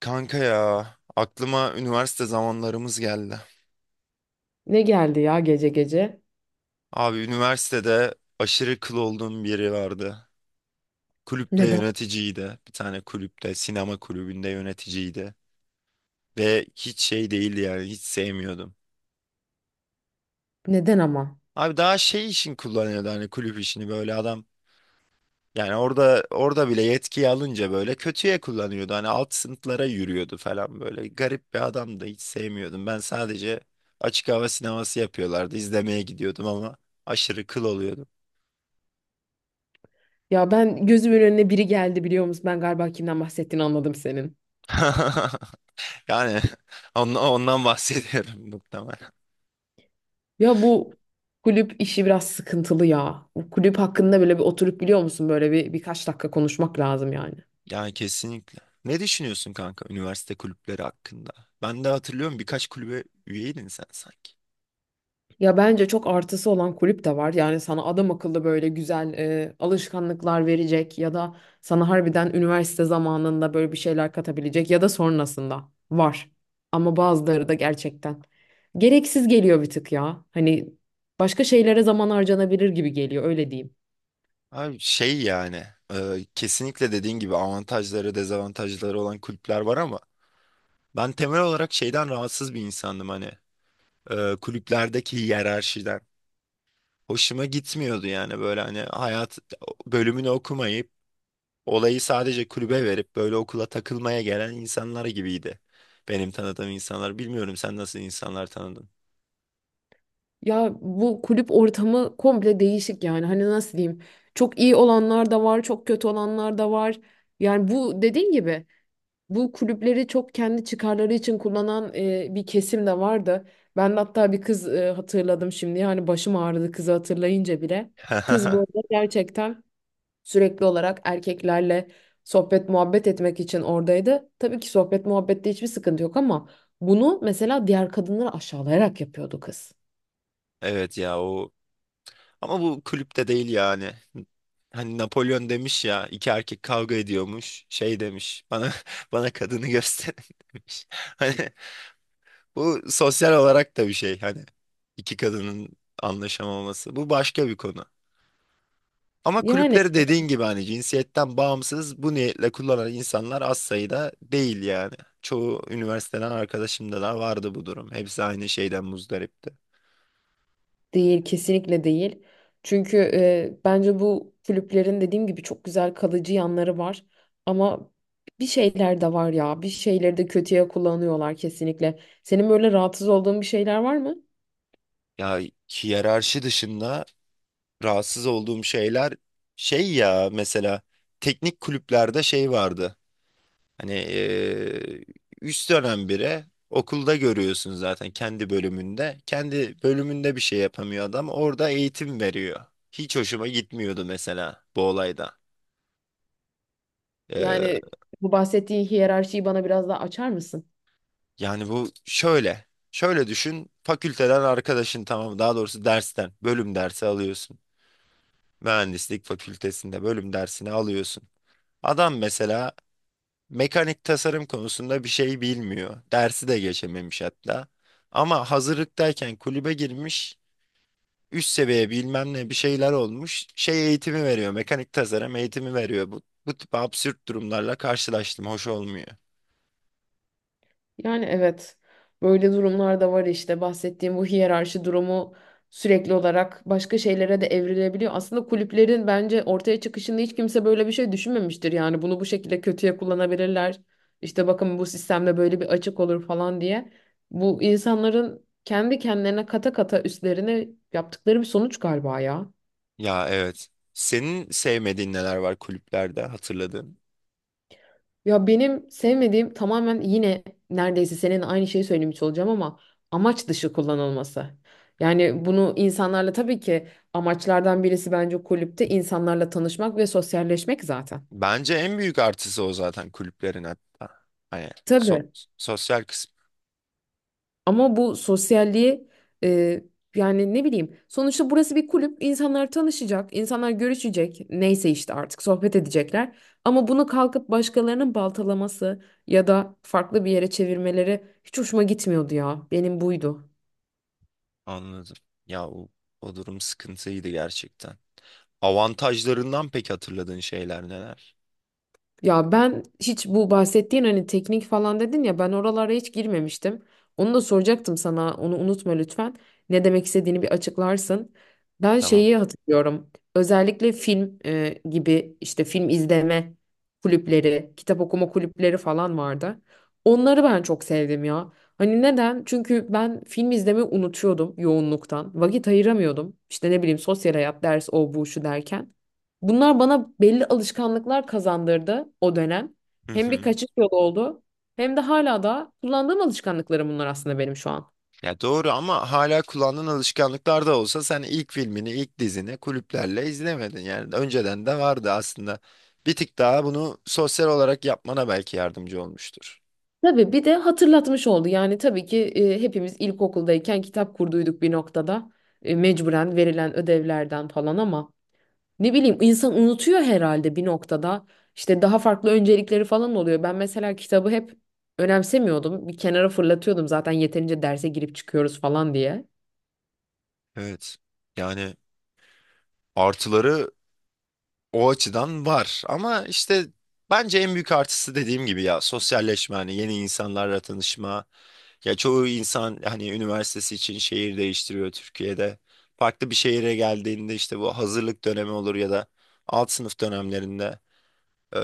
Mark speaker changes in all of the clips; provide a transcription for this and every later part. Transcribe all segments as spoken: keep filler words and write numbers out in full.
Speaker 1: Kanka ya, aklıma üniversite zamanlarımız geldi.
Speaker 2: Ne geldi ya gece gece?
Speaker 1: Abi üniversitede aşırı kıl olduğum biri vardı. Kulüpte
Speaker 2: Neden?
Speaker 1: yöneticiydi. Bir tane kulüpte, sinema kulübünde yöneticiydi. Ve hiç şey değildi, yani hiç sevmiyordum.
Speaker 2: Neden ama?
Speaker 1: Abi daha şey için kullanıyordu, hani kulüp işini, böyle adam. Yani orada orada bile yetkiyi alınca böyle kötüye kullanıyordu. Hani alt sınıflara yürüyordu falan böyle. Garip bir adamdı. Hiç sevmiyordum. Ben sadece açık hava sineması yapıyorlardı. İzlemeye gidiyordum ama aşırı kıl oluyordum.
Speaker 2: Ya ben gözümün önüne biri geldi biliyor musun? Ben galiba kimden bahsettiğini anladım senin.
Speaker 1: Yani ondan, ondan bahsediyorum muhtemelen.
Speaker 2: Ya bu kulüp işi biraz sıkıntılı ya. Bu kulüp hakkında böyle bir oturup biliyor musun? Böyle bir birkaç dakika konuşmak lazım yani.
Speaker 1: Yani kesinlikle. Ne düşünüyorsun kanka, üniversite kulüpleri hakkında? Ben de hatırlıyorum, birkaç kulübe üyeydin sen sanki.
Speaker 2: Ya bence çok artısı olan kulüp de var. Yani sana adam akıllı böyle güzel e, alışkanlıklar verecek ya da sana harbiden üniversite zamanında böyle bir şeyler katabilecek ya da sonrasında var. Ama bazıları da gerçekten gereksiz geliyor bir tık ya. Hani başka şeylere zaman harcanabilir gibi geliyor öyle diyeyim.
Speaker 1: Abi şey yani, e, kesinlikle dediğin gibi avantajları dezavantajları olan kulüpler var ama ben temel olarak şeyden rahatsız bir insandım, hani e, kulüplerdeki hiyerarşiden. Hoşuma gitmiyordu yani, böyle hani hayat bölümünü okumayıp olayı sadece kulübe verip böyle okula takılmaya gelen insanlar gibiydi. Benim tanıdığım insanlar, bilmiyorum sen nasıl insanlar tanıdın?
Speaker 2: Ya bu kulüp ortamı komple değişik yani. Hani nasıl diyeyim? Çok iyi olanlar da var, çok kötü olanlar da var. Yani bu dediğin gibi bu kulüpleri çok kendi çıkarları için kullanan e, bir kesim de vardı. Ben de hatta bir kız e, hatırladım şimdi. Yani başım ağrıdı kızı hatırlayınca bile. Kız bu arada gerçekten sürekli olarak erkeklerle sohbet muhabbet etmek için oradaydı. Tabii ki sohbet muhabbette hiçbir sıkıntı yok ama bunu mesela diğer kadınları aşağılayarak yapıyordu kız.
Speaker 1: Evet ya, o ama bu kulüpte değil yani. Hani Napolyon demiş ya, iki erkek kavga ediyormuş, şey demiş, bana bana kadını gösterin demiş. Hani bu sosyal olarak da bir şey, hani iki kadının anlaşamaması. Bu başka bir konu. Ama
Speaker 2: Yani
Speaker 1: kulüpleri dediğin gibi hani cinsiyetten bağımsız bu niyetle kullanan insanlar az sayıda değil yani. Çoğu üniversiteden arkadaşımda da vardı bu durum. Hepsi aynı şeyden muzdaripti.
Speaker 2: Değil, kesinlikle değil. Çünkü e, bence bu kulüplerin dediğim gibi çok güzel kalıcı yanları var. Ama bir şeyler de var ya, bir şeyleri de kötüye kullanıyorlar kesinlikle. Senin böyle rahatsız olduğun bir şeyler var mı?
Speaker 1: Ya hiyerarşi dışında rahatsız olduğum şeyler, şey ya mesela teknik kulüplerde şey vardı. Hani eee üst dönem biri, okulda görüyorsun zaten kendi bölümünde. Kendi bölümünde bir şey yapamıyor adam. Orada eğitim veriyor. Hiç hoşuma gitmiyordu mesela bu olayda.
Speaker 2: Yani
Speaker 1: Eee,
Speaker 2: bu bahsettiğin hiyerarşiyi bana biraz daha açar mısın?
Speaker 1: yani bu şöyle. Şöyle düşün. Fakülteden arkadaşın, tamam daha doğrusu dersten bölüm dersi alıyorsun. Mühendislik fakültesinde bölüm dersini alıyorsun. Adam mesela mekanik tasarım konusunda bir şey bilmiyor. Dersi de geçememiş hatta. Ama hazırlıktayken kulübe girmiş. Üst seviye bilmem ne bir şeyler olmuş. Şey eğitimi veriyor. Mekanik tasarım eğitimi veriyor. Bu, bu tip absürt durumlarla karşılaştım. Hoş olmuyor.
Speaker 2: Yani evet, böyle durumlar da var işte bahsettiğim bu hiyerarşi durumu sürekli olarak başka şeylere de evrilebiliyor. Aslında kulüplerin bence ortaya çıkışında hiç kimse böyle bir şey düşünmemiştir. Yani bunu bu şekilde kötüye kullanabilirler. İşte bakın bu sistemde böyle bir açık olur falan diye. Bu insanların kendi kendilerine kata kata üstlerine yaptıkları bir sonuç galiba ya.
Speaker 1: Ya evet. Senin sevmediğin neler var kulüplerde, hatırladığın?
Speaker 2: Ya benim sevmediğim tamamen yine neredeyse senin aynı şeyi söylemiş olacağım ama amaç dışı kullanılması. Yani bunu insanlarla tabii ki amaçlardan birisi bence kulüpte insanlarla tanışmak ve sosyalleşmek zaten.
Speaker 1: Bence en büyük artısı o zaten kulüplerin, hatta hani so-
Speaker 2: Tabii.
Speaker 1: sosyal kısmı.
Speaker 2: Ama bu sosyalliği e, yani ne bileyim sonuçta burası bir kulüp insanlar tanışacak, insanlar görüşecek neyse işte artık sohbet edecekler. Ama bunu kalkıp başkalarının baltalaması ya da farklı bir yere çevirmeleri hiç hoşuma gitmiyordu ya. Benim buydu.
Speaker 1: Anladım. Ya o, o durum sıkıntıydı gerçekten. Avantajlarından pek hatırladığın şeyler neler?
Speaker 2: Ya ben hiç bu bahsettiğin hani teknik falan dedin ya ben oralara hiç girmemiştim. Onu da soracaktım sana, onu unutma lütfen. Ne demek istediğini bir açıklarsın. Ben
Speaker 1: Tamam.
Speaker 2: şeyi hatırlıyorum. Özellikle film e, gibi işte film izleme kulüpleri, kitap okuma kulüpleri falan vardı. Onları ben çok sevdim ya. Hani neden? Çünkü ben film izlemeyi unutuyordum yoğunluktan. Vakit ayıramıyordum. İşte ne bileyim sosyal hayat, ders, o bu şu derken. Bunlar bana belli alışkanlıklar kazandırdı o dönem.
Speaker 1: Hı
Speaker 2: Hem bir
Speaker 1: hı.
Speaker 2: kaçış yolu oldu hem de hala da kullandığım alışkanlıklarım bunlar aslında benim şu an.
Speaker 1: Ya doğru, ama hala kullandığın alışkanlıklar da olsa, sen ilk filmini, ilk dizini kulüplerle izlemedin. Yani önceden de vardı aslında. Bir tık daha bunu sosyal olarak yapmana belki yardımcı olmuştur.
Speaker 2: Tabii bir de hatırlatmış oldu. Yani tabii ki e, hepimiz ilkokuldayken kitap kurduyduk bir noktada. E, mecburen verilen ödevlerden falan ama ne bileyim insan unutuyor herhalde bir noktada. İşte daha farklı öncelikleri falan oluyor. Ben mesela kitabı hep önemsemiyordum. Bir kenara fırlatıyordum zaten yeterince derse girip çıkıyoruz falan diye.
Speaker 1: Evet. Yani artıları o açıdan var, ama işte bence en büyük artısı dediğim gibi ya sosyalleşme, hani yeni insanlarla tanışma. Ya çoğu insan hani üniversitesi için şehir değiştiriyor Türkiye'de. Farklı bir şehire geldiğinde, işte bu hazırlık dönemi olur ya da alt sınıf dönemlerinde, e,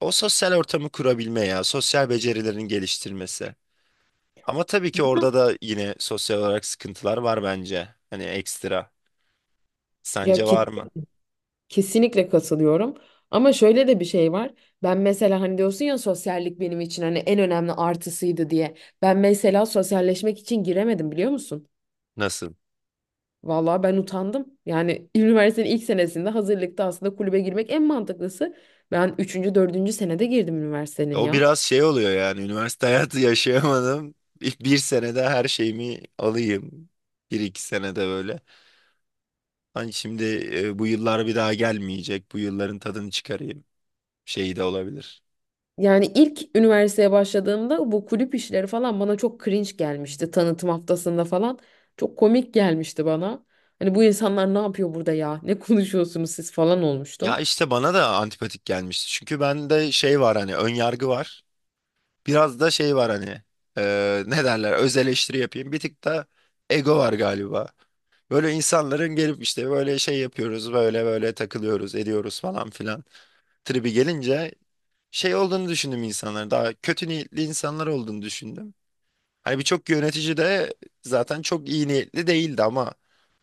Speaker 1: o sosyal ortamı kurabilme ya sosyal becerilerin geliştirmesi. Ama tabii ki
Speaker 2: Ya
Speaker 1: orada da yine sosyal olarak sıkıntılar var bence. Hani ekstra.
Speaker 2: ya
Speaker 1: Sence var mı?
Speaker 2: kesinlikle katılıyorum. Ama şöyle de bir şey var. Ben mesela hani diyorsun ya sosyallik benim için hani en önemli artısıydı diye. Ben mesela sosyalleşmek için giremedim biliyor musun?
Speaker 1: Nasıl?
Speaker 2: Vallahi ben utandım. Yani üniversitenin ilk senesinde hazırlıkta aslında kulübe girmek en mantıklısı. Ben üçüncü dördüncü senede girdim üniversitenin
Speaker 1: O
Speaker 2: ya.
Speaker 1: biraz şey oluyor yani, üniversite hayatı yaşayamadım. İlk bir senede her şeyimi alayım. Bir iki senede böyle. Hani şimdi e, bu yıllar bir daha gelmeyecek. Bu yılların tadını çıkarayım şeyi de olabilir.
Speaker 2: Yani ilk üniversiteye başladığımda bu kulüp işleri falan bana çok cringe gelmişti. Tanıtım haftasında falan çok komik gelmişti bana. Hani bu insanlar ne yapıyor burada ya? Ne konuşuyorsunuz siz falan
Speaker 1: Ya
Speaker 2: olmuştum.
Speaker 1: işte bana da antipatik gelmişti. Çünkü bende şey var, hani ön yargı var. Biraz da şey var hani, e, ne derler, öz eleştiri yapayım. Bir tık da ego var galiba. Böyle insanların gelip işte böyle şey yapıyoruz, böyle böyle takılıyoruz ediyoruz falan filan tribi gelince, şey olduğunu düşündüm, insanların daha kötü niyetli insanlar olduğunu düşündüm. Hani birçok yönetici de zaten çok iyi niyetli değildi, ama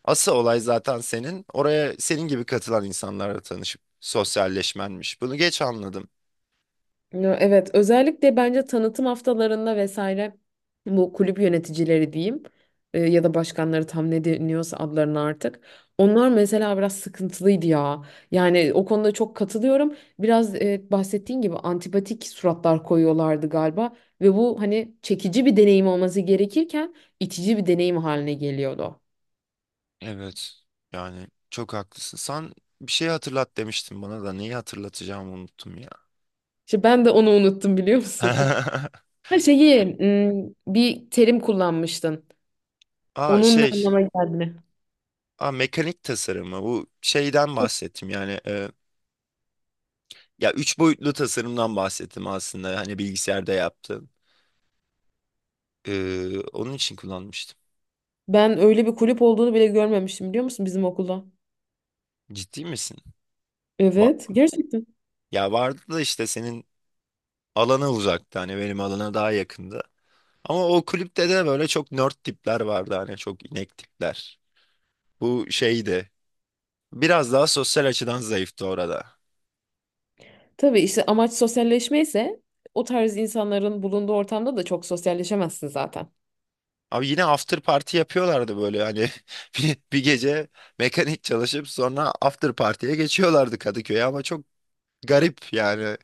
Speaker 1: asıl olay zaten senin oraya, senin gibi katılan insanlarla tanışıp sosyalleşmenmiş. Bunu geç anladım.
Speaker 2: Ya evet, özellikle bence tanıtım haftalarında vesaire bu kulüp yöneticileri diyeyim e, ya da başkanları tam ne deniyorsa adlarına artık. Onlar mesela biraz sıkıntılıydı ya. Yani o konuda çok katılıyorum. Biraz e, bahsettiğin gibi antipatik suratlar koyuyorlardı galiba ve bu hani çekici bir deneyim olması gerekirken itici bir deneyim haline geliyordu.
Speaker 1: Evet. Yani çok haklısın. Sen bir şey hatırlat demiştin, bana da neyi hatırlatacağımı unuttum ya.
Speaker 2: İşte ben de onu unuttum biliyor musun? Her şeyi m, bir terim kullanmıştın.
Speaker 1: Aa
Speaker 2: Onun ne
Speaker 1: şey,
Speaker 2: anlama geldiğini.
Speaker 1: aa mekanik tasarımı, bu şeyden bahsettim yani, e, ya üç boyutlu tasarımdan bahsettim aslında, hani bilgisayarda yaptığım. Ee, onun için kullanmıştım.
Speaker 2: Ben öyle bir kulüp olduğunu bile görmemiştim biliyor musun bizim okulda?
Speaker 1: Ciddi misin?
Speaker 2: Evet, gerçekten.
Speaker 1: Ya vardı da, işte senin alana uzaktı, hani benim alana daha yakındı. Ama o kulüpte de böyle çok nerd tipler vardı, hani çok inek tipler. Bu şeydi. Biraz daha sosyal açıdan zayıftı orada.
Speaker 2: Tabii işte amaç sosyalleşme ise o tarz insanların bulunduğu ortamda da çok sosyalleşemezsin zaten.
Speaker 1: Abi yine after party yapıyorlardı böyle hani bir, bir gece mekanik çalışıp sonra after party'ye geçiyorlardı Kadıköy'e, ama çok garip yani.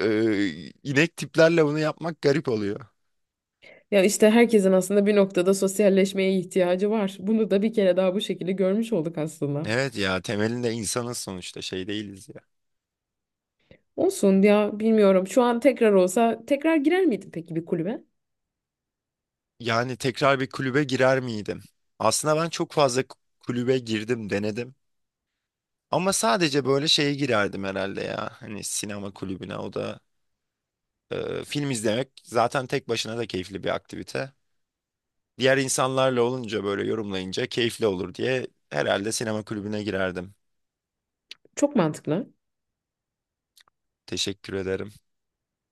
Speaker 1: Ee, inek tiplerle bunu yapmak garip oluyor.
Speaker 2: Ya işte herkesin aslında bir noktada sosyalleşmeye ihtiyacı var. Bunu da bir kere daha bu şekilde görmüş olduk aslında.
Speaker 1: Evet ya, temelinde insanız sonuçta, şey değiliz ya.
Speaker 2: Olsun ya, bilmiyorum. Şu an tekrar olsa tekrar girer miydin peki bir kulübe?
Speaker 1: Yani tekrar bir kulübe girer miydim? Aslında ben çok fazla k- kulübe girdim, denedim. Ama sadece böyle şeye girerdim herhalde ya. Hani sinema kulübüne, o da e, film izlemek zaten tek başına da keyifli bir aktivite. Diğer insanlarla olunca, böyle yorumlayınca keyifli olur diye herhalde sinema kulübüne girerdim.
Speaker 2: Çok mantıklı.
Speaker 1: Teşekkür ederim.